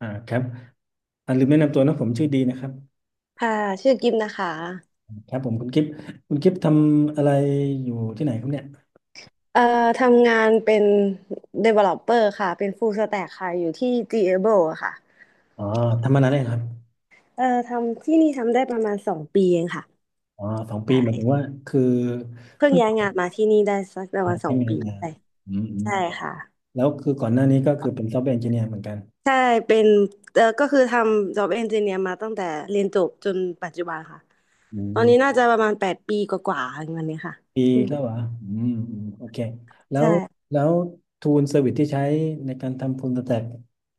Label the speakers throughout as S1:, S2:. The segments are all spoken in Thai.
S1: อ่าครับลืมแนะนำตัวนะผมชื่อดีนะครับ
S2: ค่ะชื่อกิมนะคะ
S1: ครับผมคุณกิฟต์คุณกิฟต์ทำอะไรอยู่ที่ไหนครับเนี่ย
S2: เอ่อทำงานเป็น developer ค่ะเป็น full stack ค่ะอยู่ที่ Gable อะค่ะ
S1: อ๋อทำมานานแล้วครับ
S2: ทำที่นี่ทำได้ประมาณสองปีเองค่ะ
S1: อ๋อสอง
S2: ใช
S1: ปีหมายถึงว่า
S2: ่
S1: คือ
S2: เพิ่ง
S1: เพิ่ง
S2: ย้ายงาน
S1: อ
S2: มาที่นี่ได้สักประมา
S1: อ
S2: ณ
S1: ก
S2: ส
S1: ได้
S2: อง
S1: งา
S2: ปี
S1: นมา
S2: ใช่
S1: อืมอืม
S2: ใช่ค่ะ
S1: แล้วคือก่อนหน้านี้ก็คือเป็นซอฟต์แวร์เอนจิเนียร์เหมือนกัน
S2: ใช่เป็นก็คือทำ job engineer มาตั้งแต่เรียนจบจนปัจจุบันค่ะ
S1: อื
S2: ตอนนี้น่า
S1: ม
S2: จะประมาณแปดปีกว่าๆอย่างเงี้ยค่ะ
S1: ปี
S2: อืม
S1: แล้วเหรออืมอืมโอเคแล้
S2: ใช่
S1: วแล้วทูลเซอร์วิสที่ใช้ในการทำ full stack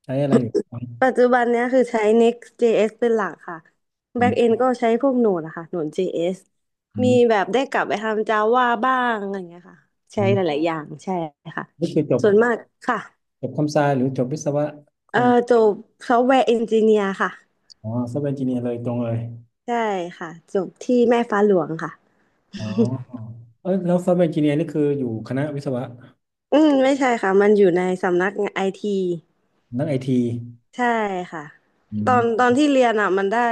S1: ใช้อะไรอยู่ครับ
S2: ปัจจุบันเนี้ยคือใช้ Next.js เป็นหลักค่ะ
S1: อืม
S2: Backend ก็ใช้พวก Node อะค่ะ Node.js
S1: อื
S2: มี
S1: ม
S2: แบบได้กลับไปทำ Java บ้างอะไรอย่างเงี้ยค่ะ
S1: อื
S2: ใช้ห
S1: ม
S2: ลายๆอย่างใช่ค่ะ
S1: นี่คือจบ
S2: ส่วนมากค่ะ
S1: จบคอมไซหรือจบวิศวะคอม
S2: จบ Software Engineer ค่ะ
S1: อ๋อซอฟต์แวร์เอนจิเนียร์เลยตรงเลย
S2: ใช่ค่ะจบที่แม่ฟ้าหลวงค่ะ
S1: อ๋อเออแล้วซอฟต์แวร์เอนจิเนียร์นี่คืออยู่คณะวิศวะ
S2: อืมไม่ใช่ค่ะมันอยู่ในสำนักงานไอที
S1: นักไอที
S2: ใช่ค่ะ
S1: อื
S2: ต
S1: ม
S2: อนที่เรียนอ่ะมันได้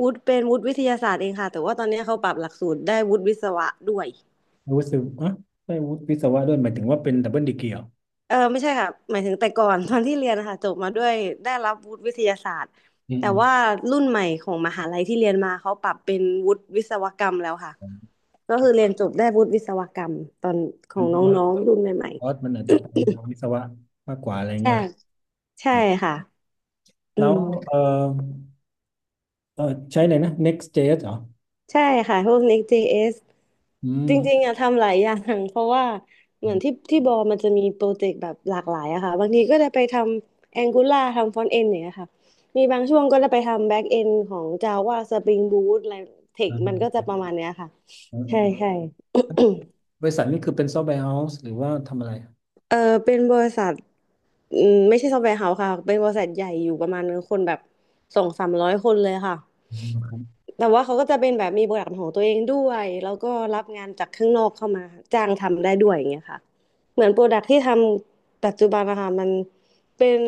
S2: วุฒิเป็นวุฒิวิทยาศาสตร์เองค่ะแต่ว่าตอนนี้เขาปรับหลักสูตรได้วุฒิวิศวะด้วย
S1: วุฒิอ่ะได้วุฒิวิศวะด้วยหมายถึงว่าเป็นดับเบิลดีกรีเหรอ
S2: เออไม่ใช่ค่ะหมายถึงแต่ก่อน ตอนที่เรียนนะคะจบมาด้วยได้รับวุฒิวิทยาศาสตร์
S1: อืม
S2: แต่
S1: อืม
S2: ว่ารุ่นใหม่ของมหาลัยที่เรียนมาเขาปรับเป็นวุฒิวิศวกรรมแล้วค่ะ
S1: อืม
S2: ก็คือเรียนจบได้วุฒิวิศวกรรมตอนข
S1: มั
S2: อ
S1: น
S2: ง
S1: เป็นว่า
S2: น้องๆรุ่นใหม่
S1: คอร์สมันอาจจะไปทางวิศวะมากกว่าอะไร
S2: ๆใช่
S1: เงี้ยหรอ
S2: ใช่
S1: อืม
S2: ค่ะอื
S1: แล้ว
S2: ม
S1: เออเออใช้อะไรนะ Next.js เหรอ
S2: ใช่ค่ะพวก Next.js
S1: อืม
S2: จริงๆอะทำหลายอย่าง เพราะว่าเห
S1: อื
S2: มือน
S1: ม
S2: ที่บอมันจะมีโปรเจกต์แบบหลากหลายอะค่ะบางทีก็จะไปทำ Angular ทำ Front End อย่างเงี้ยค่ะมีบางช่วงก็จะไปทำ Back End ของ Java Spring Boot อะไรเท
S1: อ
S2: คมันก็จะ
S1: ม
S2: ประมาณเนี้ยค่ะ
S1: อ
S2: ใช่
S1: ม
S2: ใช่
S1: บริษัทนี่คือเป็นซอฟต์แวร์เฮาส์หรือว่าทำอะไร
S2: เออเป็นบริษัทอืมไม่ใช่ซอฟต์แวร์เฮาส์ค่ะเป็นบริษัทใหญ่อยู่ประมาณคนแบบสองสามร้อยคนเลยค่ะ
S1: อืมครับ
S2: แต่ว่าเขาก็จะเป็นแบบมีโปรดักต์ของตัวเองด้วยแล้วก็รับงานจากข้างนอกเข้ามาจ้างทำได้ด้วยอย่างเงี้ยค่ะเหมือนโปรดักต์ที่ทำปัจจุบันนะคะมันเป็น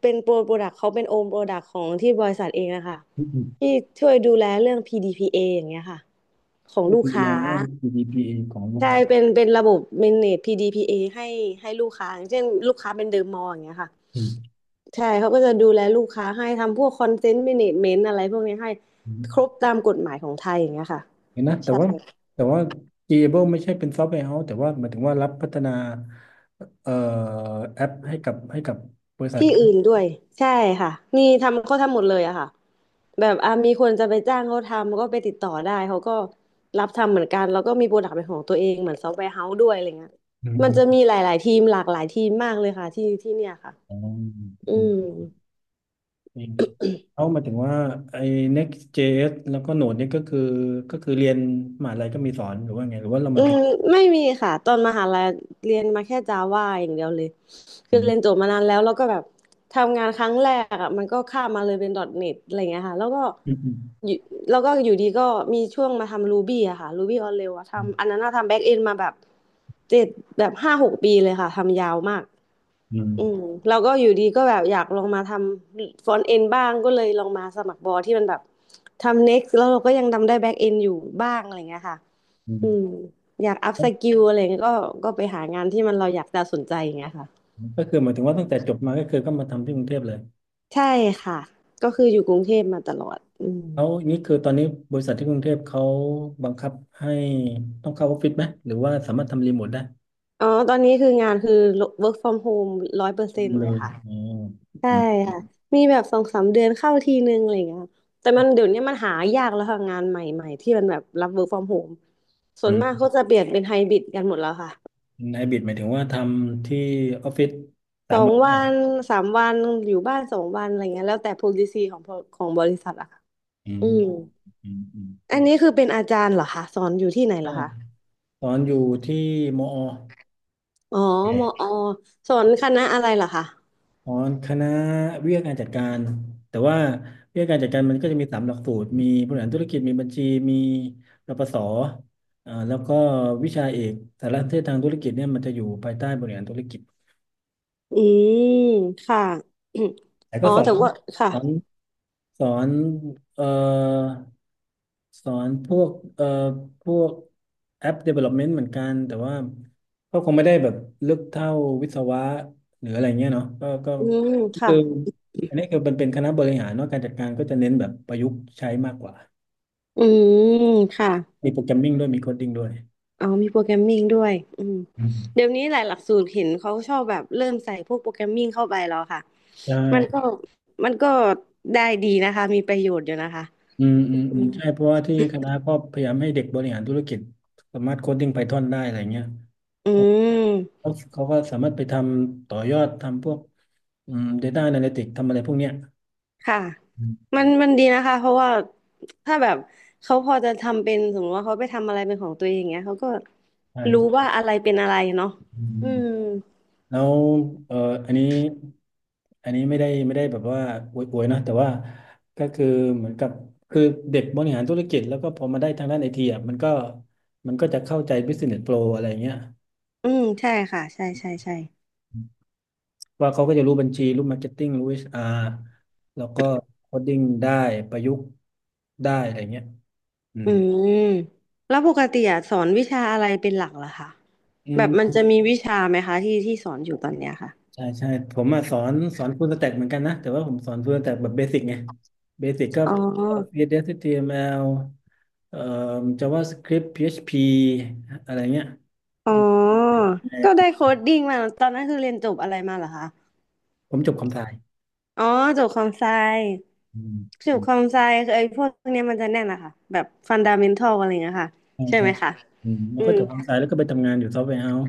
S2: เป็นโปรดักต์เขาเป็นโอมโปรดักต์ของที่บริษัทเองนะคะ
S1: อืม
S2: ที่ช่วยดูแลเรื่อง PDPA ออย่างเงี้ยค่ะของลูก
S1: ดูแล
S2: ค้า
S1: เรื่อง g d p อของลูก
S2: ใช่
S1: ค้า
S2: เป็นระบบ manage PDPA ให้ลูกค้าอย่างเช่นลูกค้าเป็นเดอะมอลล์อย่างเงี้ยค่ะ
S1: อ
S2: ใช่ เขาก็จะดูแลลูกค้าให้ทำพวกคอนเทนต์ a เมนต์อะไรพวกนี้ให้
S1: ืม
S2: ครบตามกฎหมายของไทยอย่างเงี้ยค่ะ
S1: เห็นนะแต่
S2: ใช่
S1: ว่าแต่ว่า Gable ไม่ใช่เป็นซอฟต์แวร์เฮาส์แต่ว่าหมายถึงว่ารับพัฒนาเอ่อแอปให้กับบริษัท
S2: ที่อื่นด้วยใช่ค่ะ นี่ทำเขาทำหมดเลยอะค่ะแบบอ่ะมีคนจะไปจ้างเขาทำก็ไปติดต่อได้เขาก็รับทำเหมือนกันแล้วก็มีโปรดักต์เป็นของตัวเองเหมือนซอฟต์แวร์เฮาส์ด้วยอะไรเงี้ย
S1: อืม
S2: มัน
S1: อื
S2: จะ
S1: ม
S2: มีหลายๆทีมหลากหลายทีมมากเลยค่ะที่เนี่ยค่ะ
S1: อ๋อ
S2: อื
S1: อื
S2: ม
S1: มอืมเขาหมายถึงว่าไอ้ Next.js แล้วก็ Node เนี่ยก็คือเรียนมหาลัยก็มีสอนหรือว่าไงหรือว่าเรา
S2: อื
S1: มาถึง
S2: มไม่มีค่ะตอนมหาลัยเรียนมาแค่จาว่าอย่างเดียวเลย
S1: อื
S2: คือเรียน
S1: ม
S2: จบมานานแล้วแล้วก็แบบทำงานครั้งแรกอ่ะมันก็ข้ามมาเลยเป็น .NET อทเน็ตอะไรเงี้ยค่ะแล้วก็
S1: อืม
S2: อยู่แล้วก็อยู่ดีก็มีช่วงมาทำ Ruby อะค่ะ Ruby on Rails อะ
S1: อื
S2: ทำอั
S1: ม
S2: นนั้นอะทำแบ็กเอนมาแบบเจ็ดแบบห้าหกปีเลยค่ะทำยาวมาก
S1: อื
S2: อืม
S1: ม
S2: แล้วก็อยู่ดีก็แบบอยากลองมาทำฟรอนต์เอนบ้างก็เลยลองมาสมัครบอที่มันแบบทำ Next แล้วเราก็ยังทำได้แบ็กเอนอยู่บ้างอะไรเงี้ยค่ะ
S1: อื
S2: อืม
S1: ม
S2: อยากอัพสกิลอะไรเงี้ยก็ไปหางานที่มันเราอยากจะสนใจอย่างเงี้ยค่ะ
S1: ก็คือหมายถึงว่าตั้งแต่จบมาก็คือก็มาทำที่กรุงเทพเลย
S2: ใช่ค่ะก็คืออยู่กรุงเทพมาตลอดอืม
S1: แล้วนี่คือตอนนี้บริษัทที่กรุงเทพเขาบังคับให้ต้องเข้าออฟฟิศไหมหรือว่าสามารถทำรีโมทได้
S2: อ๋อตอนนี้คืองานคือ work from home ร้อยเปอร์เซ็นต์
S1: เล
S2: เลย
S1: ย
S2: ค่ะ
S1: อ๋อ
S2: ใช่
S1: อืม
S2: ค่ะมีแบบสองสามเดือนเข้าทีนึงอะไรอย่างเงี้ยค่ะแต่
S1: ค
S2: มั
S1: รั
S2: นเดี๋ย
S1: บ
S2: วนี้มันหายากแล้วค่ะงานใหม่ๆที่มันแบบรับ work from home ส่วน
S1: อื
S2: มาก
S1: ม
S2: เขาจะเปลี่ยนเป็นไฮบริดกันหมดแล้วค่ะ
S1: ไฮบริดหมายถึงว่าทำที่ออฟฟิศสา
S2: สอ
S1: ม
S2: ง
S1: วัน
S2: วั
S1: เนี่ย
S2: นสามวันอยู่บ้านสองวันอะไรเงี้ยแล้วแต่ policy ของบริษัทอะค่ะ
S1: อื
S2: อื
S1: ม
S2: ม
S1: อืมอืม
S2: อันนี้คือเป็นอาจารย์เหรอคะสอนอยู่ที่ไหนเหร
S1: ใช่
S2: อคะ
S1: ตอนอยู่ที่มอ
S2: อ๋อมอสอนคณะอะไรเหรอคะ
S1: อ๋อคณะวิทยาการจัดการแต่ว่าวิทยาการจัดการมันก็จะมีสามหลักสูตรมีบริหารธุรกิจมีบัญชีมีรปศอ่าแล้วก็วิชาเอกสารสนเทศทางธุรกิจเนี่ยมันจะอยู่ภายใต้บริหารธุรกิจ
S2: อืมค่ะ
S1: แต่
S2: อ๋
S1: ก็
S2: อแต่ว่าค่ะ
S1: สอนสอนเอ่อ สอนพวกพวกแอป development เหมือนกันแต่ว่าก็คงไม่ได้แบบลึกเท่าวิศวะหรืออะไรเงี้ยเนาะก็
S2: อืม
S1: คือ
S2: ค่ะ
S1: อันนี้คือมันเป็นคณะบริหารเนาะการจัดการก็จะเน้นแบบประยุกต์ใช้มากกว่า
S2: อืมค่ะ
S1: มีโปรแกรมมิ่งด้วยมีโคดดิ้งด้วย
S2: อ๋อมีโปรแกรมมิ่งด้วยอืม
S1: อื
S2: เดี๋ย
S1: ม
S2: วนี้หลายหลักสูตรเห็นเขาชอบแบบเริ่มใส่พวกโปรแกรมมิ่งเข้าไปแล้วค่ะ
S1: ใช
S2: มันก็
S1: ่
S2: มันก็ได้ดีนะคะมีประโยชน์อยู่นะคะ
S1: อืมอืมอื
S2: อื
S1: ม
S2: ม
S1: ใช่เพราะว่าที่คณะก็พยายามให้เด็กบริหารธุรกิจสามารถโคดดิ้งไพทอนได้อะไรเงี้ย
S2: อืม
S1: เขาก็สามารถไปทำต่อยอดทำพวกอืม Data Analytics ทำอะไรพวกเนี้ย
S2: ค่ะ
S1: อืม
S2: มันมันดีนะคะเพราะว่าถ้าแบบเขาพอจะทำเป็นสมมติว่าเขาไปทำอะไรเป็นของตัวเองอย่างเงี้ยเขาก็รู้
S1: ใช่
S2: ว่าอะไรเป็นอะไรเนาะ
S1: อืม
S2: อืม
S1: แล้วเอ่ออันนี้อันนี้ไม่ได้แบบว่าอวยๆนะแต่ว่าก็คือเหมือนกับคือเด็กบริหารธุรกิจแล้วก็พอมาได้ทางด้านไอทีอ่ะมันก็จะเข้าใจ Business Pro อะไรเงี้ย
S2: อืมใช่ค่ะใช่ใช่ใช่
S1: ว่าเขาก็จะรู้บัญชีรู้มาร์เก็ตติ้งรู้ HR แล้วก็โคดดิ้งได้ประยุกต์ได้อะไรเงี้ยอื
S2: อื
S1: ม
S2: มแล้วปกติอะสอนวิชาอะไรเป็นหลักเหรอคะ
S1: อื
S2: แบบมันจะ
S1: ม
S2: มีวิชาไหมคะที่ที่สอนอยู่ตอนเนี้ยค่ะ
S1: ใช่ใช่ผมมาสอนฟูลสแต็กเหมือนกันนะแต่ว่าผมสอนฟูลสแต็กแบบเบสิกไงเบสิกก็
S2: อ๋อ
S1: c อสเอสเอชทีเอ็ม t อล เอ่อ JavaScript PHP อชพีอะไรเงี้ย
S2: อ๋
S1: อืม
S2: อ
S1: แต่
S2: ก็ได้โค้ดดิ้งมาตอนนั้นคือเรียนจบอะไรมาเหรอคะ
S1: ผมจบคอมไซ
S2: อ๋อจูบคอมไซ
S1: อืม
S2: จู
S1: อื
S2: บ
S1: ม
S2: คอมไซคือไอ้พวกเนี้ยมันจะแน่นอะค่ะแบบฟันดาเมนทัลอะไรเงี้ยค่ะ
S1: ใช่
S2: ใช่
S1: ใช่
S2: ไหมคะ
S1: อืมแล้ว
S2: อื
S1: ก็
S2: ม
S1: จบคอมไซแล้วก็ไปทำงานอยู่ซอฟต์แวร์เฮาส์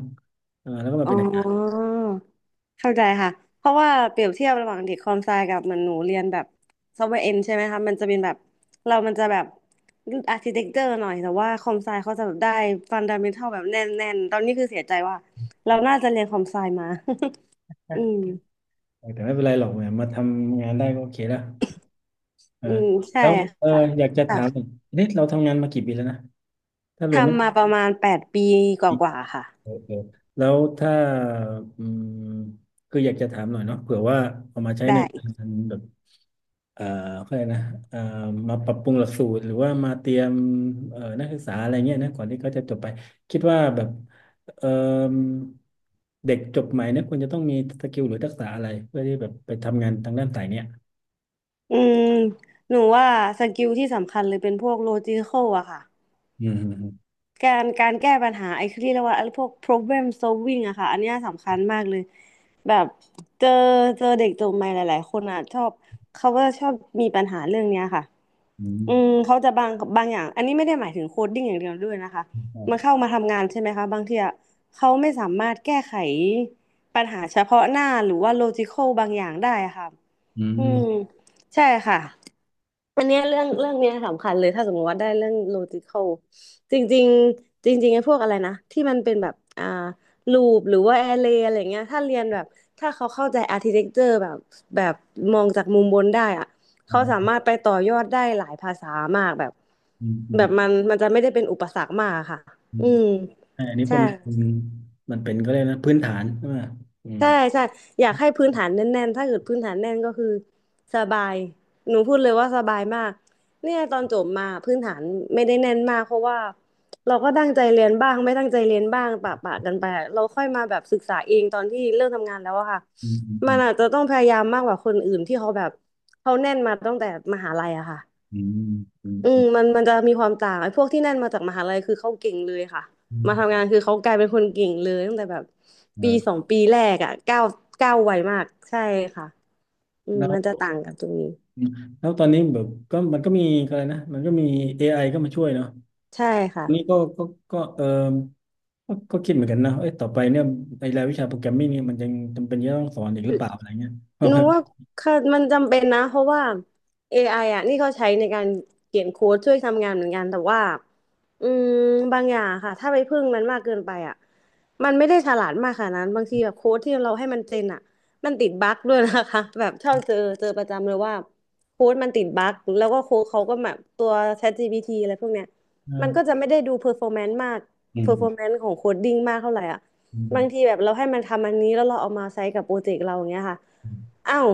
S1: เออแล้วก็มา
S2: อ๋
S1: เป็นอาจารย์
S2: อเข้าใจค่ะเพราะว่าเปรียบเทียบระหว่างเด็กคอมไซกับเหมือนหนูเรียนแบบซอฟต์แวร์เอนใช่ไหมคะมันจะเป็นแบบเรามันจะแบบอาร์ติเทคเจอร์หน่อยแต่ว่าคอมไซเขาจะแบบได้ฟันดาเมนทัลแบบแน่นแน่นตอนนี้คือเสียใจว่าเราน่าจะเรียนคอมไซมา อืม
S1: แต่ไม่เป็นไรหรอกเนี่ยมาทำงานได้ก็โอเคแล้วเออ
S2: อืมใช่
S1: แล้วเออ
S2: ค่ะ
S1: อยากจะ
S2: ค่ะ
S1: ถามหน่อยนี่เราทำงานมากี่ปีแล้วนะถ้ารวมไม่
S2: ทำมาประมาณ8 ปีก
S1: วี
S2: ว่าๆค่ะ
S1: เออเออแล้วถ้าอืมคืออยากจะถามหน่อยเนาะเผื่อว่าเอามาใช้ใน
S2: ได้
S1: การแบบ เอ่อเขาเลยกนะเอ่อมาปรับปรุงหลักสูตรหรือว่ามาเตรียมนักศึกษาอะไรเงี้ยนะก่อนที่เขาจะจบไปคิดว่าแบบเอ่อเด็กจบใหม่เนี่ยควรจะต้องมีสกิลหรือทักษะอะไรเพื่อที่แบบไปทำงานทางด้านสายเนี้ย
S2: อืมหนูว่าสกิลที่สำคัญเลยเป็นพวกโลจิค a l อะค่ะ
S1: อืม
S2: การการแก้ปัญหาไอ้ที่เรียกว่าไอ้พวก problem solving อะค่ะอันเนี้ยสำคัญมากเลยแบบเจอเจอเด็กจบใหม่หลายๆคนอะชอบเขาก็ชอบมีปัญหาเรื่องเนี้ยค่ะ
S1: อื
S2: อื
S1: ม
S2: มเขาจะบางบางอย่างอันนี้ไม่ได้หมายถึงโคดดิ้งอย่างเดียวด้วยนะคะมันเข้ามาทำงานใช่ไหมคะบางทีอะเขาไม่สามารถแก้ไขปัญหาเฉพาะหน้าหรือว่าโลจิค a l บางอย่างได้อะค่ะ
S1: อื
S2: อืม
S1: ม
S2: ใช่ค่ะอันเนี้ยเรื่องเรื่องเนี้ยสำคัญเลยถ้าสมมติว่าได้เรื่อง logical จริงๆจริงๆไอ้พวกอะไรนะที่มันเป็นแบบloop หรือว่า array อะไรเงี้ยถ้าเรียนแบบถ้าเขาเข้าใจ architecture แบบแบบมองจากมุมบนได้อะเขาสา
S1: อืม
S2: มารถไปต่อยอดได้หลายภาษามากแบบ
S1: อืมอื
S2: แบ
S1: ม
S2: บมันมันจะไม่ได้เป็นอุปสรรคมากค่ะ
S1: อื
S2: อื
S1: ม
S2: ม
S1: อมอันนี้ผ
S2: ใช่
S1: มมันเป็นก็เลยกนะพื้นฐานใช่ไหมอืม
S2: ใช่ใช่อยากให้พื้นฐานแน่นๆถ้าเกิดพื้นฐานแน่นก็คือสบายหนูพูดเลยว่าสบายมากเนี่ยตอนจบมาพื้นฐานไม่ได้แน่นมากเพราะว่าเราก็ตั้งใจเรียนบ้างไม่ตั้งใจเรียนบ้างปะปะกันไปอะเราค่อยมาแบบศึกษาเองตอนที่เริ่มทำงานแล้วอะค่ะ
S1: อืมอื
S2: มัน
S1: ม
S2: อาจจะต้องพยายามมากกว่าคนอื่นที่เขาแบบเขาแน่นมาตั้งแต่มหาลัยอะค่ะ
S1: อืมอืมอืม
S2: อื
S1: อื
S2: ม
S1: ม
S2: มันมันจะมีความต่างไอ้พวกที่นั่นมาจากมหาลัยคือเขาเก่งเลยค่ะ
S1: อื
S2: มา
S1: ม
S2: ทำงานคือเขากลายเป็นคนเก่งเลยตั้งแต่แบบปีสอ
S1: อ่า
S2: งปีแรกอ่ะก้าวก้าวไวมากใช่ค่ะอืม
S1: แล้ว
S2: มันจะต่างกันตรงนี้
S1: อืมแล้วตอนนี้แบบก็มันก็มีอะไรนะมันก็มี AI ก็มาช่วยเนาะ
S2: ใช่ค่ะ
S1: อันนี้ก็ก็ก็ก็ก็คิดเหมือนกันนะเอ้ยต่อไปเนี่ยไอ้รายวิชาโปรแกรมมิ่งเนี่ยมันยังจำเป็นจะต้องสอนอีกหรือเปล่าอะไรเงี้ยเพราะ
S2: หนู
S1: มัน
S2: ว่าค่ะมันจำเป็นนะเพราะว่า AI อไออ่ะนี่เขาใช้ในการเขียนโค้ดช่วยทำงานเหมือนกันแต่ว่าอืมบางอย่างค่ะถ้าไปพึ่งมันมากเกินไปอ่ะมันไม่ได้ฉลาดมากขนาดนั้นบางทีแบบโค้ดที่เราให้มันเจนอ่ะมันติดบั๊กด้วยนะคะ แบบเชอบเจอเจอประจำเลยว่าโค้ดมันติดบั๊กแล้วก็โค้ดเขาก็แบบตัว ChatGPT อะไรพวกเนี้ยมันก็
S1: เอ
S2: จะ
S1: อ
S2: ไม่ได้ดู performance มาก
S1: อืม
S2: performance ของโคดดิ้งมากเท่าไหร่อ่ะ
S1: อื
S2: บาง
S1: ม
S2: ทีแบบเราให้มันทำอันนี้แล้วเราเอามาใช้กับโปรเจกต์เราอย่างเงี้ยค่ะ
S1: อื
S2: อ้าว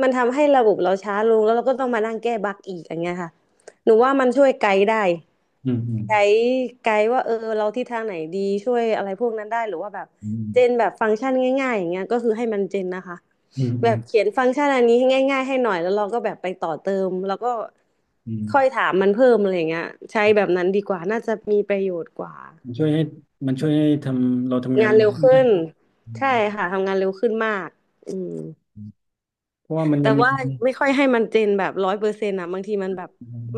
S2: มันทำให้ระบบเราช้าลงแล้วเราก็ต้องมานั่งแก้บั๊กอีกอย่างเงี้ยค่ะหนูว่ามันช่วยไกด์ได้
S1: มอืม
S2: ไกด์ไกด์ว่าเออเราทิศทางไหนดีช่วยอะไรพวกนั้นได้หรือว่าแบบ
S1: อื
S2: เจน
S1: ม
S2: แบบฟังก์ชันง่ายๆอย่างเงี้ยก็คือให้มันเจนนะคะ
S1: อืมอื
S2: แบ
S1: ม
S2: บเขียนฟังก์ชันอันนี้ให้ง่ายๆให้หน่อยแล้วเราก็แบบไปต่อเติมแล้วก็
S1: อื
S2: ค่อย
S1: ม
S2: ถามมันเพิ่มอะไรอย่างเงี้ยใช้แบบนั้นดีกว่าน่าจะมีประโยชน์กว่า
S1: มันช่วยให้ทำเราทำงาน
S2: งาน
S1: เร็ว
S2: เร็ว
S1: ขึ้น
S2: ขึ้
S1: นะ
S2: น
S1: อืม
S2: ใช่
S1: อืม
S2: ค่ะทำงานเร็วขึ้นมากอืม
S1: อืมเพราะว่ามัน
S2: แต่
S1: ยังมี
S2: ว่าไม่ค่อยให้มันเจนแบบ100%อ่ะบางทีมันแบบ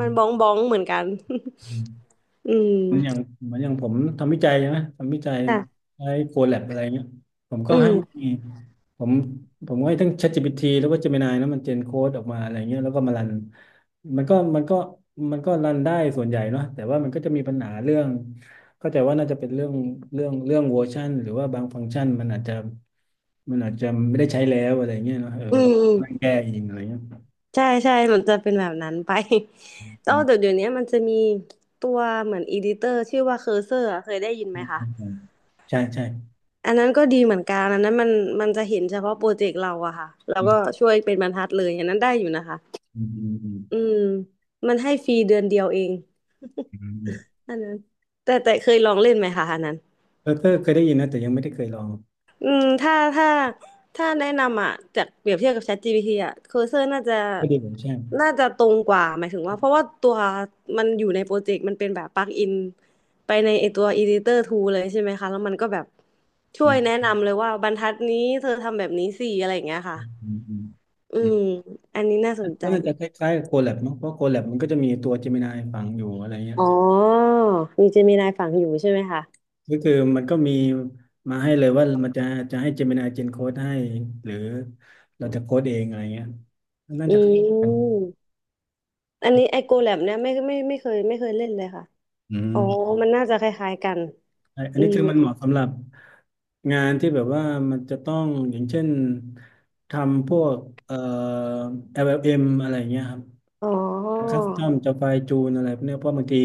S2: มันบ้องบ้องเหมือนกัน อืม
S1: เหมือนอย่างเหมือนอย่างผมทำวิจัยใะทำวิจัย
S2: ค่ะ
S1: ใช้โคแลบอะไรเงี้ยผมก็
S2: อื
S1: ให้
S2: ม
S1: ผมผมก็ให้ทั้ง ChatGPT แล้วก็ Gemini นะมันเจนโค้ดออกมาอะไรเงี้ยแล้วก็มารันมันก็มันก็มันก็รันได้ส่วนใหญ่เนาะแต่ว่ามันก็จะมีปัญหาเรื่องเข้าใจว่าน่าจะเป็นเรื่องเรื่องเวอร์ชันหรือว่าบางฟังก์ชันมันอาจจะไม่ได้ใช้แล้วอะไรเงี้ยเนาะเออ
S2: อืม
S1: แล้ว
S2: อืม
S1: นั่งแก้เองอะไรเงี้ย
S2: ใช่ใช่มันจะเป็นแบบนั้นไป แล้ว
S1: อื
S2: เดี๋
S1: ม
S2: ยวเดี๋ยวนี้มันจะมีตัวเหมือนอีดิเตอร์ชื่อว่าเคอร์เซอร์เคยได้ยินไหมคะ
S1: ใช่ใช่
S2: อันนั้นก็ดีเหมือนกันอันนั้นมันมันจะเห็นเฉพาะโปรเจกต์เราอะค่ะแล้ว
S1: อื
S2: ก็
S1: ม
S2: ช่วยเป็นบรรทัดเลยอันนั้นได้อยู่นะคะ
S1: อืมอืม
S2: อืมมันให้ฟรีเดือนเดียวเอง
S1: อืม
S2: อันนั้นแต่เคยลองเล่นไหมคะอันนั้น
S1: เบอร์เกอร์เคยได้ยินนะแต่ยังไม่ได้เคยลอง
S2: อืมถ้าแนะนำอ่ะจากเปรียบเทียบกับ ChatGPT อ่ะ Cursor น่าจะ
S1: ไม่ได้เหมือนแช่ม
S2: น่าจะตรงกว่าหมายถึงว่าเพราะว่าตัวมันอยู่ในโปรเจกต์มันเป็นแบบปลั๊กอินไปในไอตัว Editor Tool เลยใช่ไหมคะแล้วมันก็แบบช่
S1: อื
S2: วยแนะ
S1: ม
S2: นำเลยว่าบรรทัดนี้เธอทำแบบนี้สิอะไรอย่างเงี้ยค่ะ
S1: อืมอืม
S2: อื
S1: อืม
S2: มอันนี้น่าสนใจ
S1: ก็น่าจะคล้ายๆกับโคแลบมั้งเพราะโคแลบมันก็จะมีตัวเจมินายฝังอยู่อะไรเงี้ย
S2: อ๋อมีเจมินายฝังอยู่ใช่ไหมคะ
S1: ก็คือมันก็มีมาให้เลยว่ามันจะจะให้เจมินายเจนโค้ดให้หรือเราจะโค้ดเองอะไรเงี้ยน่าจะ
S2: อื
S1: คล้ายกัน
S2: มอันนี้ไอโกแลบเนี่ยไม่เคยเล่นเลยค่ะ
S1: อื
S2: อ๋อ
S1: ม
S2: มันน่าจะคล้ายๆกัน
S1: ใช่อัน
S2: อื
S1: นี้
S2: ม
S1: คือมันเหมาะสำหรับงานที่แบบว่ามันจะต้องอย่างเช่นทำพวกเอ่อแอ l m อลเอ็มอะไรอย่างเงี้ยครับ
S2: อ๋อ
S1: คัสตอมจะไฟล์จูนอะไรพวกเนี้ยเพราะบางที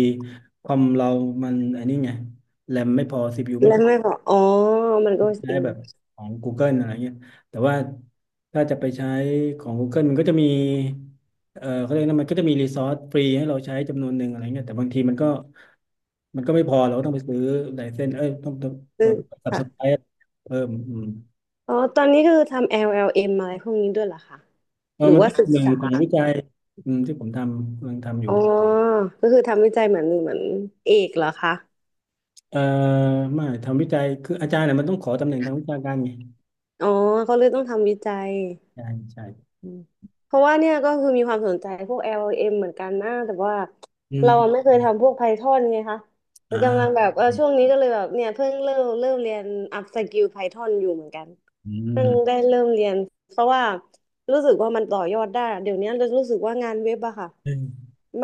S1: คอมเรามันไอันนี้ไงแรมไม่พอ CPU ไม่
S2: แล้
S1: พ
S2: ว
S1: อ
S2: ไม่บอกอ๋อมันก็
S1: ใช้
S2: อืม
S1: แบบของ Google อะไรเงี้ยแต่ว่าถ้าจะไปใช้ของ Google มันก็จะมีเขาเรียกนะมันก็จะมีรีซอสฟรีให้เราใช้จำนวนหนึ่งอะไรเงี้ยแต่บางทีมันก็มันก็ไม่พอเราก็ต้องไปซื้อไลเซนส์เอ้ยต้อง
S2: ซึ่
S1: เรา
S2: ง
S1: ต้องสับ
S2: ค่ะ
S1: สไครเพิ่มอืม
S2: อ๋อตอนนี้คือทำ LLM อลแอลเอ็มอะไรพวกนี้ด้วยเหรอคะ
S1: เออ
S2: หรือ
S1: มัน
S2: ว่า
S1: ก็เป็
S2: ศึ
S1: น
S2: ก
S1: หนึ่ง
S2: ษา
S1: ของวิจัยอืมที่ผมทำกำลังทำอยู่
S2: อ๋อก็คือทำวิจัยเหมือนเอกเหรอคะ
S1: เอ่อไม่ทำวิจัยคืออาจารย์เนี่ยมันต้องขอตำแหน่งทางวิชาการไง
S2: อ๋อเขาเลยต้องทำวิจัย
S1: ใช่ใช่
S2: อืมเพราะว่าเนี่ยก็คือมีความสนใจพวก LLM เอ็มเหมือนกันนะแต่ว่า
S1: อื
S2: เราอะไม่
S1: ม
S2: เคยทำพวก Python ไงคะแต่กำลังแบ
S1: อ่า
S2: บเออช่วงนี้ก็เลยแบบเนี่ยเพิ่งเริ่มเรียนอัพสก l ลไพทอนอยู่เหมือนกัน
S1: อื
S2: เพิ่ง
S1: ม
S2: ได้เริ่มเรียนเพราะว่ารู้สึกว่ามันต่อยอดได้เดี๋ยวนี้รู้สึกว่างานเว็บอะค่ะ
S1: อืม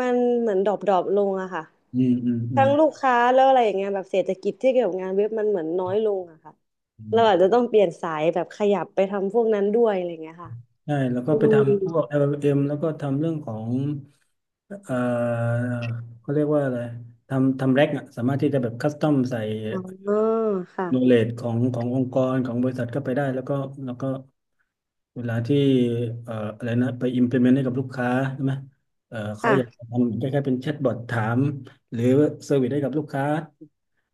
S2: มันเหมือนดรอปลงอะค่ะ
S1: อืมอืมอืมอืม
S2: ทั้งลูกค้าแล้วอะไรอย่างเงี้ยแบบเศรษฐกิจที่เกี่ยวกับงานเว็บมันเหมือนน้อยลงอะค่ะ
S1: อื
S2: เราอา
S1: ม
S2: จจะต้องเปลี่ยนสายแบบขยับไปทำพวกนั้นด้วยอะไรอย่างเงี้ยค่ะ
S1: ใช่ แล้วก็
S2: อื
S1: ไป
S2: ม
S1: ทำพวก l ็ m แล้วก็ทำเรื่องของ เอ่อเขาเรียกว่าอะไร ทำแร็กอะสามารถที่จะแบบคัสตอมใส่
S2: อ๋อค่ะ
S1: โนเลจของขององค์กรของบริษัทเข้าไปได้แล้วก็แล้วก็ เวลาที่อะไรนะ ไป implement ให้กับลูกค้าใช่ไหมเขาอยากท
S2: ค่ะ
S1: ำคล้ายๆเป็นแชทบอทถามหรือเซอร์วิสให้กับลูกค้า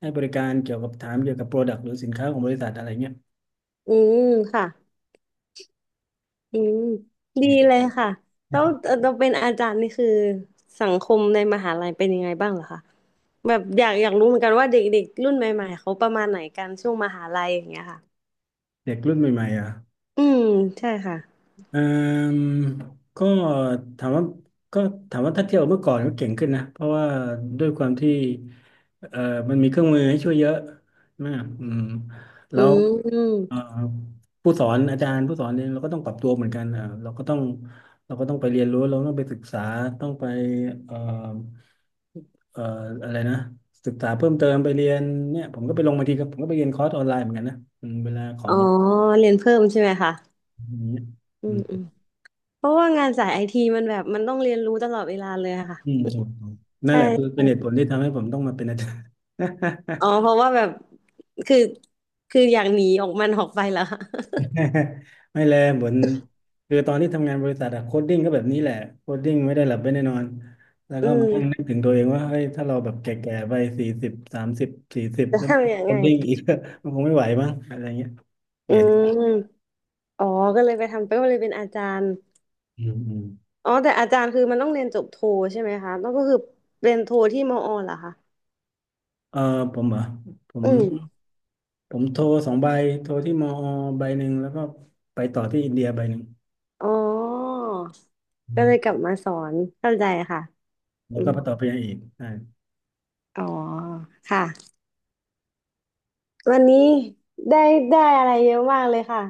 S1: ให้บริการเกี่ยวกับถามเกี่ยวกับ Product หรือสินค้าของบริษัทอะไรเงี้ย
S2: อืมค่ะอืมดีเลยค่ะแล้วเราเป็นอาจารย์นี่คือสังคมในมหาลัยเป็นยังไงบ้างเหรอคะ แบบอยากรู้เหมือนกันว่าเด็กๆรุ่นใหม่ๆเขาประมาณไหนกันช่วงมหาลัยอย่างเงี้ยค่ะ
S1: เด็กรุ่นใหม่ๆอ่ะ
S2: อืมใช่ค่ะ
S1: เอ่มก็ถามว่าก็ถ้าเทียบกับเมื่อก่อนก็เก่งขึ้นนะเพราะว่าด้วยความที่เอ่อมันมีเครื่องมือให้ช่วยเยอะมากอืมแล้
S2: อื
S1: ว
S2: ม
S1: เอ่อผู้สอนอาจารย์ผู้สอนเนี่ยเราก็ต้องปรับตัวเหมือนกันอ่ะเราก็ต้องไปเรียนรู้เราต้องไปศึกษาต้องไปเอ่อเอ่ออะไรนะศึกษาเพิ่มเติมไปเรียนเนี่ยผมก็ไปลงบางทีก็ผมก็ไปเรียนคอร์สออนไลน์เหมือนกันนะอืมเวลาขอ
S2: อ๋อ
S1: ง
S2: เรียนเพิ่มใช่ไหมคะ
S1: อย่างเงี้ย
S2: อืมอื
S1: อื
S2: มเพราะว่างานสายไอทีมันแบบมันต้องเรียนรู้ตลอดเวลาเลยอะค่ะ
S1: อืมถูกถูกนั่นแหละคือ
S2: ใช่
S1: เป็นเหตุผลที่ทำให้ผมต้องมาเป็นอาจารย์
S2: อ๋อ เพราะว่าแบบคือคืออยากหนีออกมันออกไปแล้ว
S1: ไม่แลเหมือนคือตอนที่ทำงานบริษัทอะโคดดิ้งก็แบบนี้แหละโคดดิ้งไม่ได้หลับไม่ได้นอนแล้ว
S2: อื
S1: ก็มา
S2: ม
S1: นั่งนึกถึงตัวเองว่าเฮ้ยถ้าเราแบบแก่ๆไป40 30 40
S2: จะ
S1: แล้ว
S2: ทำยัง
S1: โค
S2: ไง
S1: ดดิ้งอีก มันคงไม่ไหวมั้งอะไรเงี้ยเป
S2: อื
S1: ลี่ยนดีก
S2: ม
S1: ว่า
S2: อ๋อก็เลยไปทำไปก็เลยเป็นอาจารย์
S1: อืมอืม
S2: อ๋อแต่อาจารย์คือมันต้องเรียนจบโทใช่ไหมคะแล้วก็คือเรียนโทที่มอเหรอคะ
S1: เออผมเหรอผม
S2: อืม
S1: ผมโทร2 ใบโทรที่มอใบหนึ่งแล้วก็ไปต่อที่อินเดียใบหนึ่ง
S2: อ๋อ
S1: อื
S2: ก็เลย
S1: ม
S2: กลับมาสอนเข้าใจค่ะ
S1: แล้
S2: อื
S1: วก็
S2: ม
S1: ไปต่อไปยังอีกใช่
S2: อ๋อ ค่ะ วันนี้ได้ได้อะไรเยอะมากเลยค่ะ